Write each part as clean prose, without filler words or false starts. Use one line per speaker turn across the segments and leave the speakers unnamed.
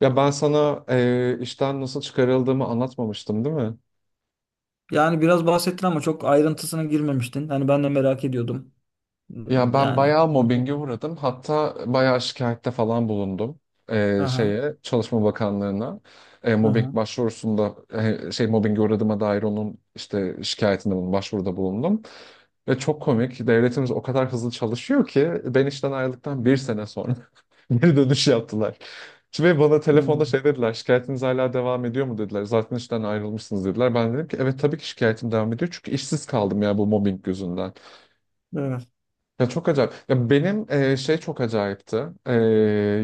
Ya ben sana işten nasıl çıkarıldığımı anlatmamıştım, değil mi?
Yani biraz bahsettin ama çok ayrıntısına girmemiştin. Hani ben de merak ediyordum.
Ya
Hmm,
ben
yani.
bayağı mobbinge uğradım. Hatta bayağı şikayette falan bulundum. Ee,
Aha,
şeye Çalışma Bakanlığı'na, mobbing
aha.
başvurusunda, şey mobbinge uğradığıma dair onun işte şikayetinde bulundum, başvuruda bulundum. Ve çok komik. Devletimiz o kadar hızlı çalışıyor ki ben işten ayrıldıktan bir sene sonra geri dönüş yaptılar. Ve bana
Hmm,
telefonda şey dediler, şikayetiniz hala devam ediyor mu dediler. Zaten işten ayrılmışsınız dediler. Ben dedim ki evet tabii ki şikayetim devam ediyor. Çünkü işsiz kaldım ya bu mobbing yüzünden.
evet.
Ya çok acayip. Ya benim şey çok acayipti. E,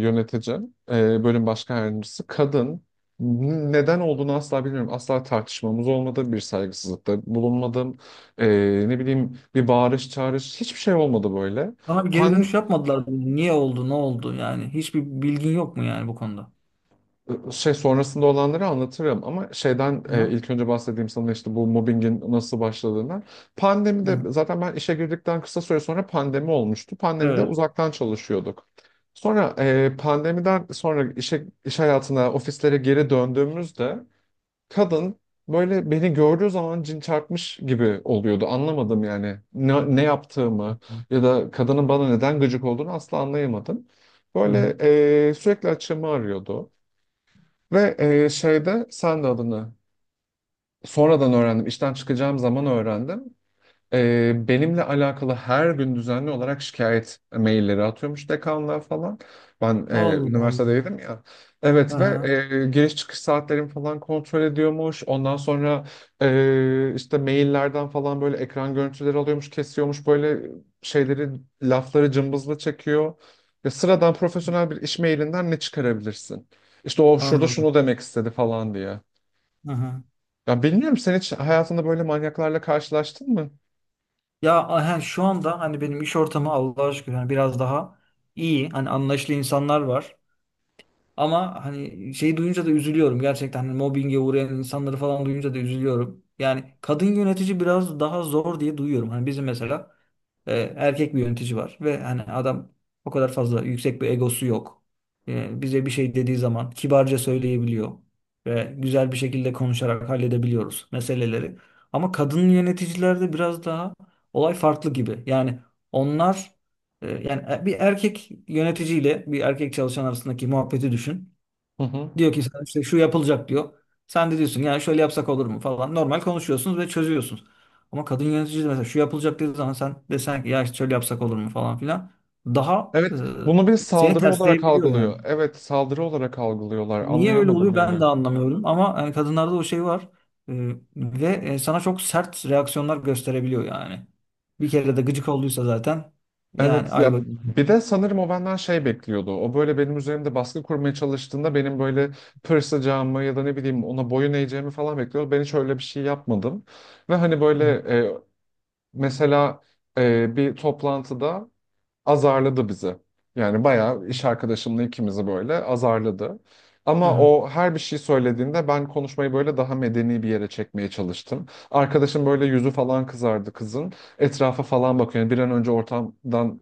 yöneticim, bölüm başkan yardımcısı kadın. Neden olduğunu asla bilmiyorum. Asla tartışmamız olmadı. Bir saygısızlıkta bulunmadım. E, ne bileyim, bir bağırış çağırış hiçbir şey olmadı böyle.
Sana bir geri dönüş yapmadılar mı? Niye oldu, ne oldu yani? Hiçbir bilgin yok mu yani bu konuda?
Şey sonrasında olanları anlatırım ama şeyden
Aha,
ilk önce bahsedeyim sana işte bu mobbingin nasıl başladığından. Pandemide
aha.
zaten ben işe girdikten kısa süre sonra pandemi olmuştu. Pandemide
Evet.
uzaktan çalışıyorduk. Sonra pandemiden sonra işe, iş hayatına, ofislere geri döndüğümüzde kadın böyle beni gördüğü zaman cin çarpmış gibi oluyordu. Anlamadım yani ne yaptığımı ya da kadının bana neden gıcık olduğunu asla anlayamadım. Böyle
Aha.
sürekli açığımı arıyordu. Ve şeyde sen de adını sonradan öğrendim. İşten çıkacağım zaman öğrendim. Benimle alakalı her gün düzenli olarak şikayet mailleri atıyormuş dekanlığa falan. Ben
Allah Allah.
üniversitedeydim ya. Evet ve
Aha.
giriş çıkış saatlerimi falan kontrol ediyormuş. Ondan sonra işte maillerden falan böyle ekran görüntüleri alıyormuş, kesiyormuş. Böyle şeyleri, lafları cımbızla çekiyor. Ya sıradan profesyonel bir iş mailinden ne çıkarabilirsin? İşte o şurada
Anladım.
şunu demek istedi falan diye.
Aha.
Ya bilmiyorum, sen hiç hayatında böyle manyaklarla karşılaştın mı?
Ya aha, şu anda hani benim iş ortamı Allah'a şükür hani biraz daha iyi. Hani anlayışlı insanlar var. Ama hani şeyi duyunca da üzülüyorum. Gerçekten hani mobbinge uğrayan insanları falan duyunca da üzülüyorum. Yani kadın yönetici biraz daha zor diye duyuyorum. Hani bizim mesela erkek bir yönetici var ve hani adam o kadar fazla yüksek bir egosu yok. Bize bir şey dediği zaman kibarca söyleyebiliyor ve güzel bir şekilde konuşarak halledebiliyoruz meseleleri. Ama kadın yöneticilerde biraz daha olay farklı gibi. Yani onlar yani bir erkek yöneticiyle bir erkek çalışan arasındaki muhabbeti düşün.
Hı hı.
Diyor ki sana işte şu yapılacak diyor. Sen de diyorsun yani şöyle yapsak olur mu falan. Normal konuşuyorsunuz ve çözüyorsunuz. Ama kadın yönetici de mesela şu yapılacak dediği zaman sen desen ki ya işte şöyle yapsak olur mu falan filan. Daha
Evet, bunu bir
seni
saldırı olarak
tersleyebiliyor yani.
algılıyor. Evet, saldırı olarak algılıyorlar.
Niye öyle
Anlayamadım
oluyor
yani.
ben de anlamıyorum. Ama yani kadınlarda o şey var. E, ve sana çok sert reaksiyonlar gösterebiliyor yani. Bir kere de gıcık olduysa zaten yani
Evet,
ay
ya
bakayım.
bir de sanırım o benden şey bekliyordu. O böyle benim üzerimde baskı kurmaya çalıştığında benim böyle pırsacağımı ya da ne bileyim ona boyun eğeceğimi falan bekliyordu. Ben hiç öyle bir şey yapmadım. Ve hani
Hı
böyle,
hı.
e, mesela bir toplantıda azarladı bizi. Yani bayağı iş arkadaşımla ikimizi böyle azarladı.
Hı
Ama
hı.
o her bir şey söylediğinde ben konuşmayı böyle daha medeni bir yere çekmeye çalıştım. Arkadaşım böyle yüzü falan kızardı kızın. Etrafa falan bakıyor. Yani bir an önce ortamdan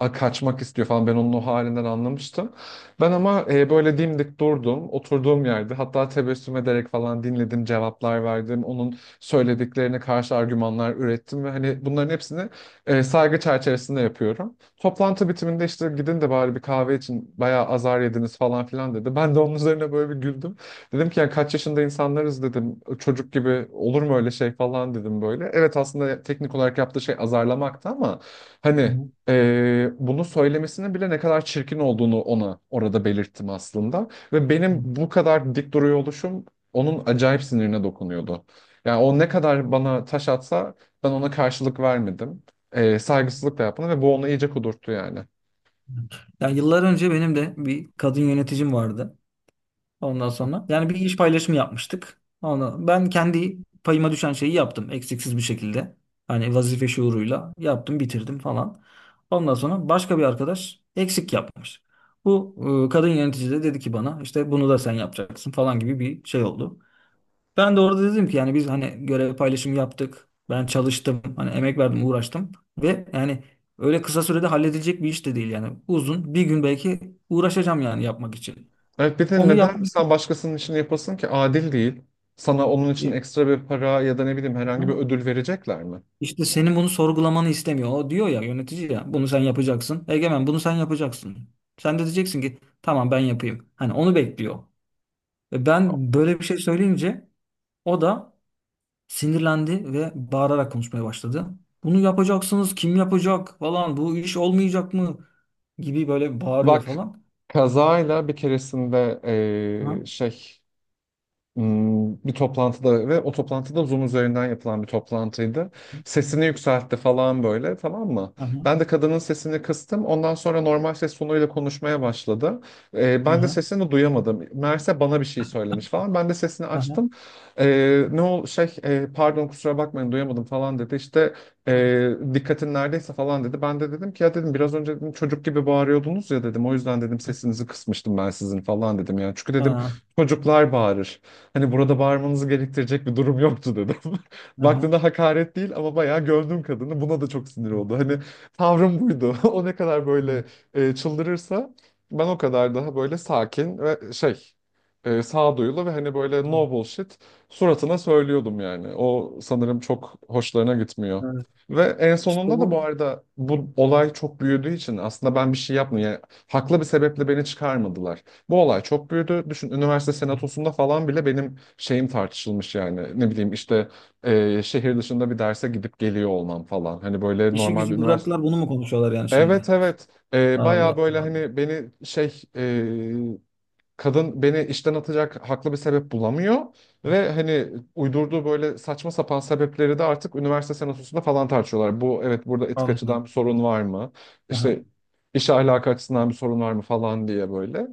kaçmak istiyor falan. Ben onun o halinden anlamıştım. Ben ama böyle dimdik durdum. Oturduğum yerde hatta tebessüm ederek falan dinledim, cevaplar verdim. Onun söylediklerine karşı argümanlar ürettim ve hani bunların hepsini saygı çerçevesinde yapıyorum. Toplantı bitiminde işte gidin de bari bir kahve için, bayağı azar yediniz falan filan dedi. Ben de onun üzerine böyle bir güldüm. Dedim ki ya kaç yaşında insanlarız dedim. Çocuk gibi olur mu öyle şey falan dedim böyle. Evet, aslında teknik olarak yaptığı şey azarlamaktı ama
Hı
hani bunu söylemesinin bile ne kadar çirkin olduğunu ona orada belirttim aslında. Ve benim
hı.
bu kadar dik duruyor oluşum onun acayip sinirine dokunuyordu. Yani o ne kadar bana taş atsa ben ona karşılık vermedim. Saygısızlık da yapmadım ve bu onu iyice kudurttu yani.
Yani yıllar önce benim de bir kadın yöneticim vardı. Ondan sonra yani bir iş paylaşımı yapmıştık. Onu ben kendi payıma düşen şeyi yaptım eksiksiz bir şekilde. Hani vazife şuuruyla yaptım, bitirdim falan. Ondan sonra başka bir arkadaş eksik yapmış. Bu kadın yönetici de dedi ki bana işte bunu da sen yapacaksın falan gibi bir şey oldu. Ben de orada dedim ki yani biz hani görev paylaşımı yaptık. Ben çalıştım, hani emek verdim, uğraştım ve yani öyle kısa sürede halledilecek bir iş de değil yani. Uzun bir gün belki uğraşacağım yani yapmak için.
Evet, bir de
Onu
neden
yapmak
sen başkasının için yapasın ki, adil değil. Sana onun için
istedim.
ekstra bir para ya da ne bileyim herhangi bir ödül verecekler mi?
İşte senin bunu sorgulamanı istemiyor. O diyor ya yönetici ya bunu sen yapacaksın. Egemen bunu sen yapacaksın. Sen de diyeceksin ki tamam ben yapayım. Hani onu bekliyor. Ve ben böyle bir şey söyleyince o da sinirlendi ve bağırarak konuşmaya başladı. Bunu yapacaksınız kim yapacak falan bu iş olmayacak mı gibi böyle bağırıyor
Bak,
falan.
kazayla bir keresinde
Aha,
şey, bir toplantıda, ve o toplantıda Zoom üzerinden yapılan bir toplantıydı. Sesini yükseltti falan böyle, tamam mı?
aha,
Ben de kadının sesini kıstım. Ondan sonra normal ses tonuyla konuşmaya başladı. Ben de
aha,
sesini duyamadım. Meğerse bana bir şey söylemiş falan. Ben de sesini
aha,
açtım. Ne şey, pardon kusura bakmayın duyamadım falan dedi. İşte dikkatin neredeyse falan dedi. Ben de dedim ki ya dedim biraz önce dedim, çocuk gibi bağırıyordunuz ya dedim. O yüzden dedim sesinizi kısmıştım ben sizin falan dedim. Yani çünkü dedim
aha,
çocuklar bağırır. Hani burada bağırmanızı gerektirecek bir durum yoktu dedim.
aha.
Baktığında hakaret değil ama bayağı gömdüm kadını. Buna da çok sinir oldu. Hani tavrım buydu. O ne kadar böyle çıldırırsa, ben o kadar daha böyle sakin ve şey, sağduyulu ve hani böyle no bullshit suratına söylüyordum yani. O sanırım çok hoşlarına gitmiyor.
Evet.
Ve en
İşte
sonunda da,
bu
bu arada bu olay çok büyüdüğü için, aslında ben bir şey yapmıyorum. Yani haklı bir sebeple beni çıkarmadılar. Bu olay çok büyüdü. Düşün, üniversite senatosunda falan bile benim şeyim tartışılmış yani. Ne bileyim işte şehir dışında bir derse gidip geliyor olmam falan. Hani böyle
işi
normal bir
gücü
üniversite.
bıraktılar bunu mu konuşuyorlar yani şimdi?
Evet, evet. Bayağı
Allah
böyle
Allah.
hani beni şey. Kadın beni işten atacak haklı bir sebep bulamıyor ve hani uydurduğu böyle saçma sapan sebepleri de artık üniversite senatosunda falan tartışıyorlar. Bu, evet, burada etik
Anladım.
açıdan bir sorun var mı?
Aha.
İşte iş ahlakı açısından bir sorun var mı falan diye, böyle.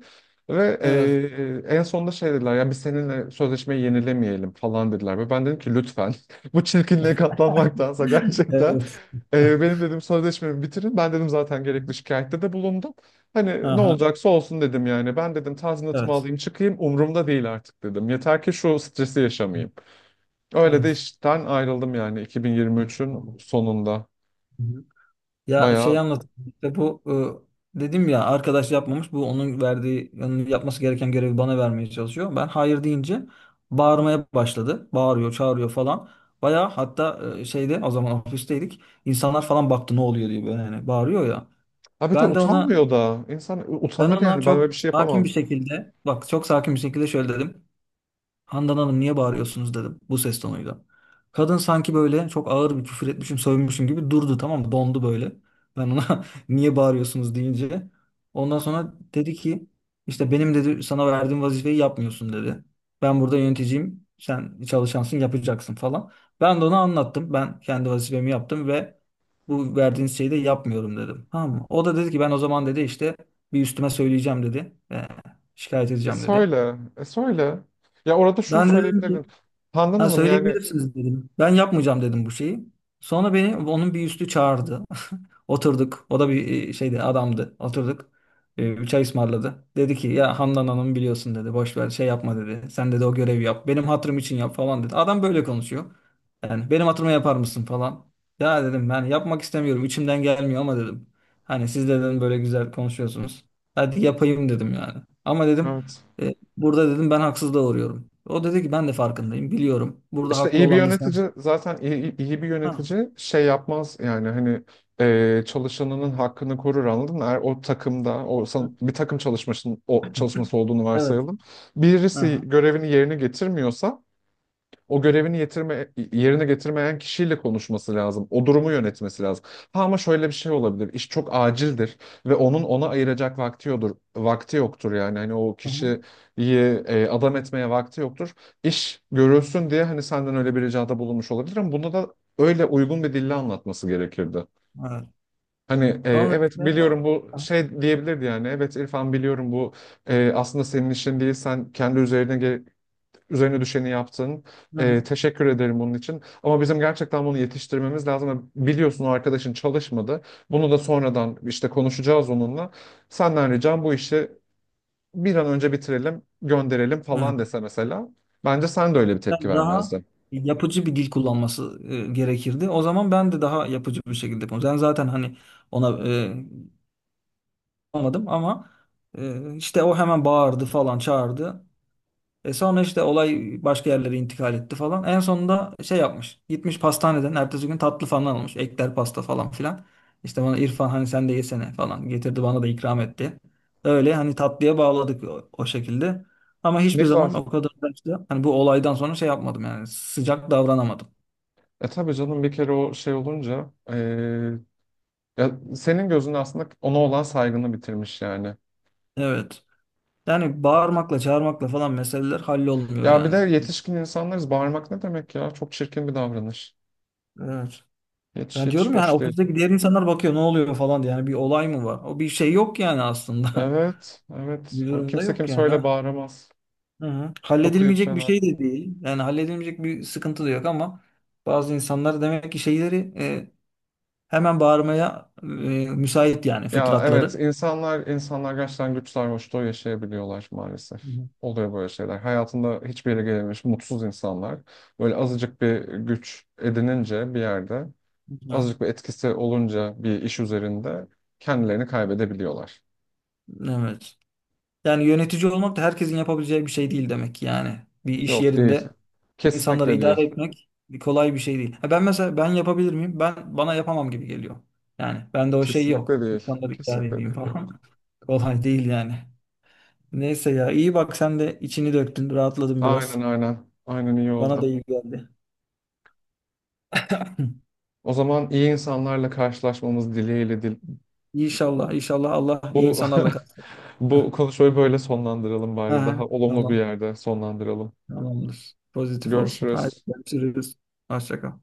Ve
Evet.
en sonunda şey dediler, ya biz seninle sözleşmeyi yenilemeyelim falan dediler. Ve ben dedim ki lütfen, bu çirkinliğe katlanmaktansa gerçekten
Evet.
benim dedim sözleşmemi bitirin. Ben dedim zaten gerekli şikayette de bulundum. Hani ne
Aha.
olacaksa olsun dedim yani. Ben dedim tazminatımı
Evet.
alayım çıkayım, umurumda değil artık dedim. Yeter ki şu stresi yaşamayayım. Öyle de
Evet.
işten ayrıldım, yani
Ciddi
2023'ün
tamam.
sonunda.
Hı hı. Ya şey
Bayağı.
anlat. İşte bu dedim ya arkadaş yapmamış. Bu onun verdiği onun yapması gereken görevi bana vermeye çalışıyor. Ben hayır deyince bağırmaya başladı. Bağırıyor, çağırıyor falan. Bayağı hatta şeyde o zaman ofisteydik. İnsanlar falan baktı ne oluyor diye böyle hani bağırıyor ya.
Ha bir de
Ben de ona
utanmıyor da. İnsan
ben
utanır
ona
yani, ben böyle
çok
bir şey
sakin
yapamam.
bir şekilde bak çok sakin bir şekilde şöyle dedim. Handan Hanım niye bağırıyorsunuz dedim bu ses tonuyla. Kadın sanki böyle çok ağır bir küfür etmişim, sövmüşüm gibi durdu tamam mı? Dondu böyle. Ben ona niye bağırıyorsunuz deyince. Ondan sonra dedi ki işte benim dedi sana verdiğim vazifeyi yapmıyorsun dedi. Ben burada yöneticiyim, sen çalışansın, yapacaksın falan. Ben de ona anlattım. Ben kendi vazifemi yaptım ve bu verdiğiniz şeyi de yapmıyorum dedim. Tamam mı? O da dedi ki ben o zaman dedi işte bir üstüme söyleyeceğim dedi. Şikayet
E
edeceğim dedi.
söyle. E söyle. Ya orada şunu
Ben de dedim ki
söyleyebilirdin. Handan
ha,
Hanım yani,
söyleyebilirsiniz dedim. Ben yapmayacağım dedim bu şeyi. Sonra beni onun bir üstü çağırdı. Oturduk. O da bir şeydi adamdı. Oturduk. E, bir çay ısmarladı. Dedi ki ya Handan Hanım biliyorsun dedi. Boş ver şey yapma dedi. Sen dedi o görevi yap. Benim hatırım için yap falan dedi. Adam böyle konuşuyor. Yani benim hatırıma yapar mısın falan. Ya dedim ben yapmak istemiyorum. İçimden gelmiyor ama dedim. Hani siz dedim böyle güzel konuşuyorsunuz. Hadi yapayım dedim yani. Ama dedim
evet.
burada dedim ben haksızlığa uğruyorum. O dedi ki ben de farkındayım. Biliyorum. Burada
İşte
haklı
iyi bir
olan da sen.
yönetici zaten, iyi bir
Ha.
yönetici şey yapmaz yani, hani çalışanının hakkını korur, anladın mı? Eğer o takımda bir takım çalışmasının o çalışması olduğunu
Evet.
varsayalım. Birisi
Aha.
görevini yerine getirmiyorsa, yerine getirmeyen kişiyle konuşması lazım. O durumu yönetmesi lazım. Ha ama şöyle bir şey olabilir. İş çok acildir ve onun ona ayıracak vakti yoktur. Vakti yoktur yani. Hani o
Aha.
kişiyi adam etmeye vakti yoktur. İş görülsün diye hani senden öyle bir ricada bulunmuş olabilir ama bunu da öyle uygun bir dille anlatması gerekirdi.
Evet.
Hani
Sonra
evet
işte
biliyorum
o-
bu şey diyebilirdi yani. Evet İrfan, biliyorum bu aslında senin işin değil. Sen üzerine düşeni yaptın.
hı
Ee,
hı,
teşekkür ederim bunun için. Ama bizim gerçekten bunu yetiştirmemiz lazım. Biliyorsun, o arkadaşın çalışmadı. Bunu da sonradan işte konuşacağız onunla. Senden ricam bu işi bir an önce bitirelim, gönderelim
hı.
falan dese mesela. Bence sen de öyle bir tepki
Ben daha
vermezdin.
yapıcı bir dil kullanması gerekirdi. O zaman ben de daha yapıcı bir şekilde konuştum. Ben zaten hani ona olmadım ama işte o hemen bağırdı falan çağırdı. E sonra işte olay başka yerlere intikal etti falan. En sonunda şey yapmış. Gitmiş pastaneden ertesi gün tatlı falan almış. Ekler pasta falan filan. İşte bana İrfan hani sen de yesene falan getirdi bana da ikram etti. Öyle hani tatlıya bağladık o, o şekilde. Ama
Ne
hiçbir
güzel.
zaman o kadar da işte hani bu olaydan sonra şey yapmadım yani sıcak davranamadım.
E tabii canım, bir kere o şey olunca, ya senin gözünde aslında ona olan saygını bitirmiş yani.
Evet. Yani bağırmakla çağırmakla falan meseleler hallolmuyor
Ya bir de
yani.
yetişkin insanlarız. Bağırmak ne demek ya? Çok çirkin bir davranış.
Evet.
Hiç
Yani diyorum
hiç
ya hani
hoş değil.
ofisteki diğer insanlar bakıyor ne oluyor falan diye. Yani bir olay mı var? O bir şey yok yani aslında.
Evet, evet.
Bir
O
durumda
kimse
yok
kimse
yani.
öyle
Ha.
bağıramaz.
Hı hı.
Çok ayıp
Halledilmeyecek bir
şeyler.
şey de değil. Yani halledilmeyecek bir sıkıntı da yok ama bazı insanlar demek ki şeyleri hemen bağırmaya müsait yani
Ya evet,
fıtratları.
insanlar gerçekten güç sarhoşluğu yaşayabiliyorlar
Hı
maalesef.
hı.
Oluyor böyle şeyler. Hayatında hiçbir yere gelememiş mutsuz insanlar. Böyle azıcık bir güç edinince bir yerde,
Hı hı.
azıcık bir etkisi olunca bir iş üzerinde kendilerini kaybedebiliyorlar.
Evet. Yani yönetici olmak da herkesin yapabileceği bir şey değil demek ki yani. Bir iş
Yok değil.
yerinde insanları
Kesinlikle
idare
değil.
etmek kolay bir şey değil. Ha ben mesela ben yapabilir miyim? Ben bana yapamam gibi geliyor. Yani bende o şey yok.
Kesinlikle değil.
İnsanları idare
Kesinlikle
edeyim
değil. Yok.
falan. Kolay değil yani. Neyse ya iyi bak sen de içini döktün, rahatladın biraz.
Aynen, aynen. Aynen, iyi
Bana da
oldu.
iyi geldi.
O zaman iyi insanlarla karşılaşmamız dileğiyle
İnşallah, inşallah Allah iyi
Bu
insanlarla katsın.
bu konuşmayı böyle sonlandıralım bari.
Aha,
Daha olumlu bir
tamam,
yerde sonlandıralım.
tamamdır. Pozitif olsun. Hadi
Görüşürüz.
görüşürüz. Hoşça kal.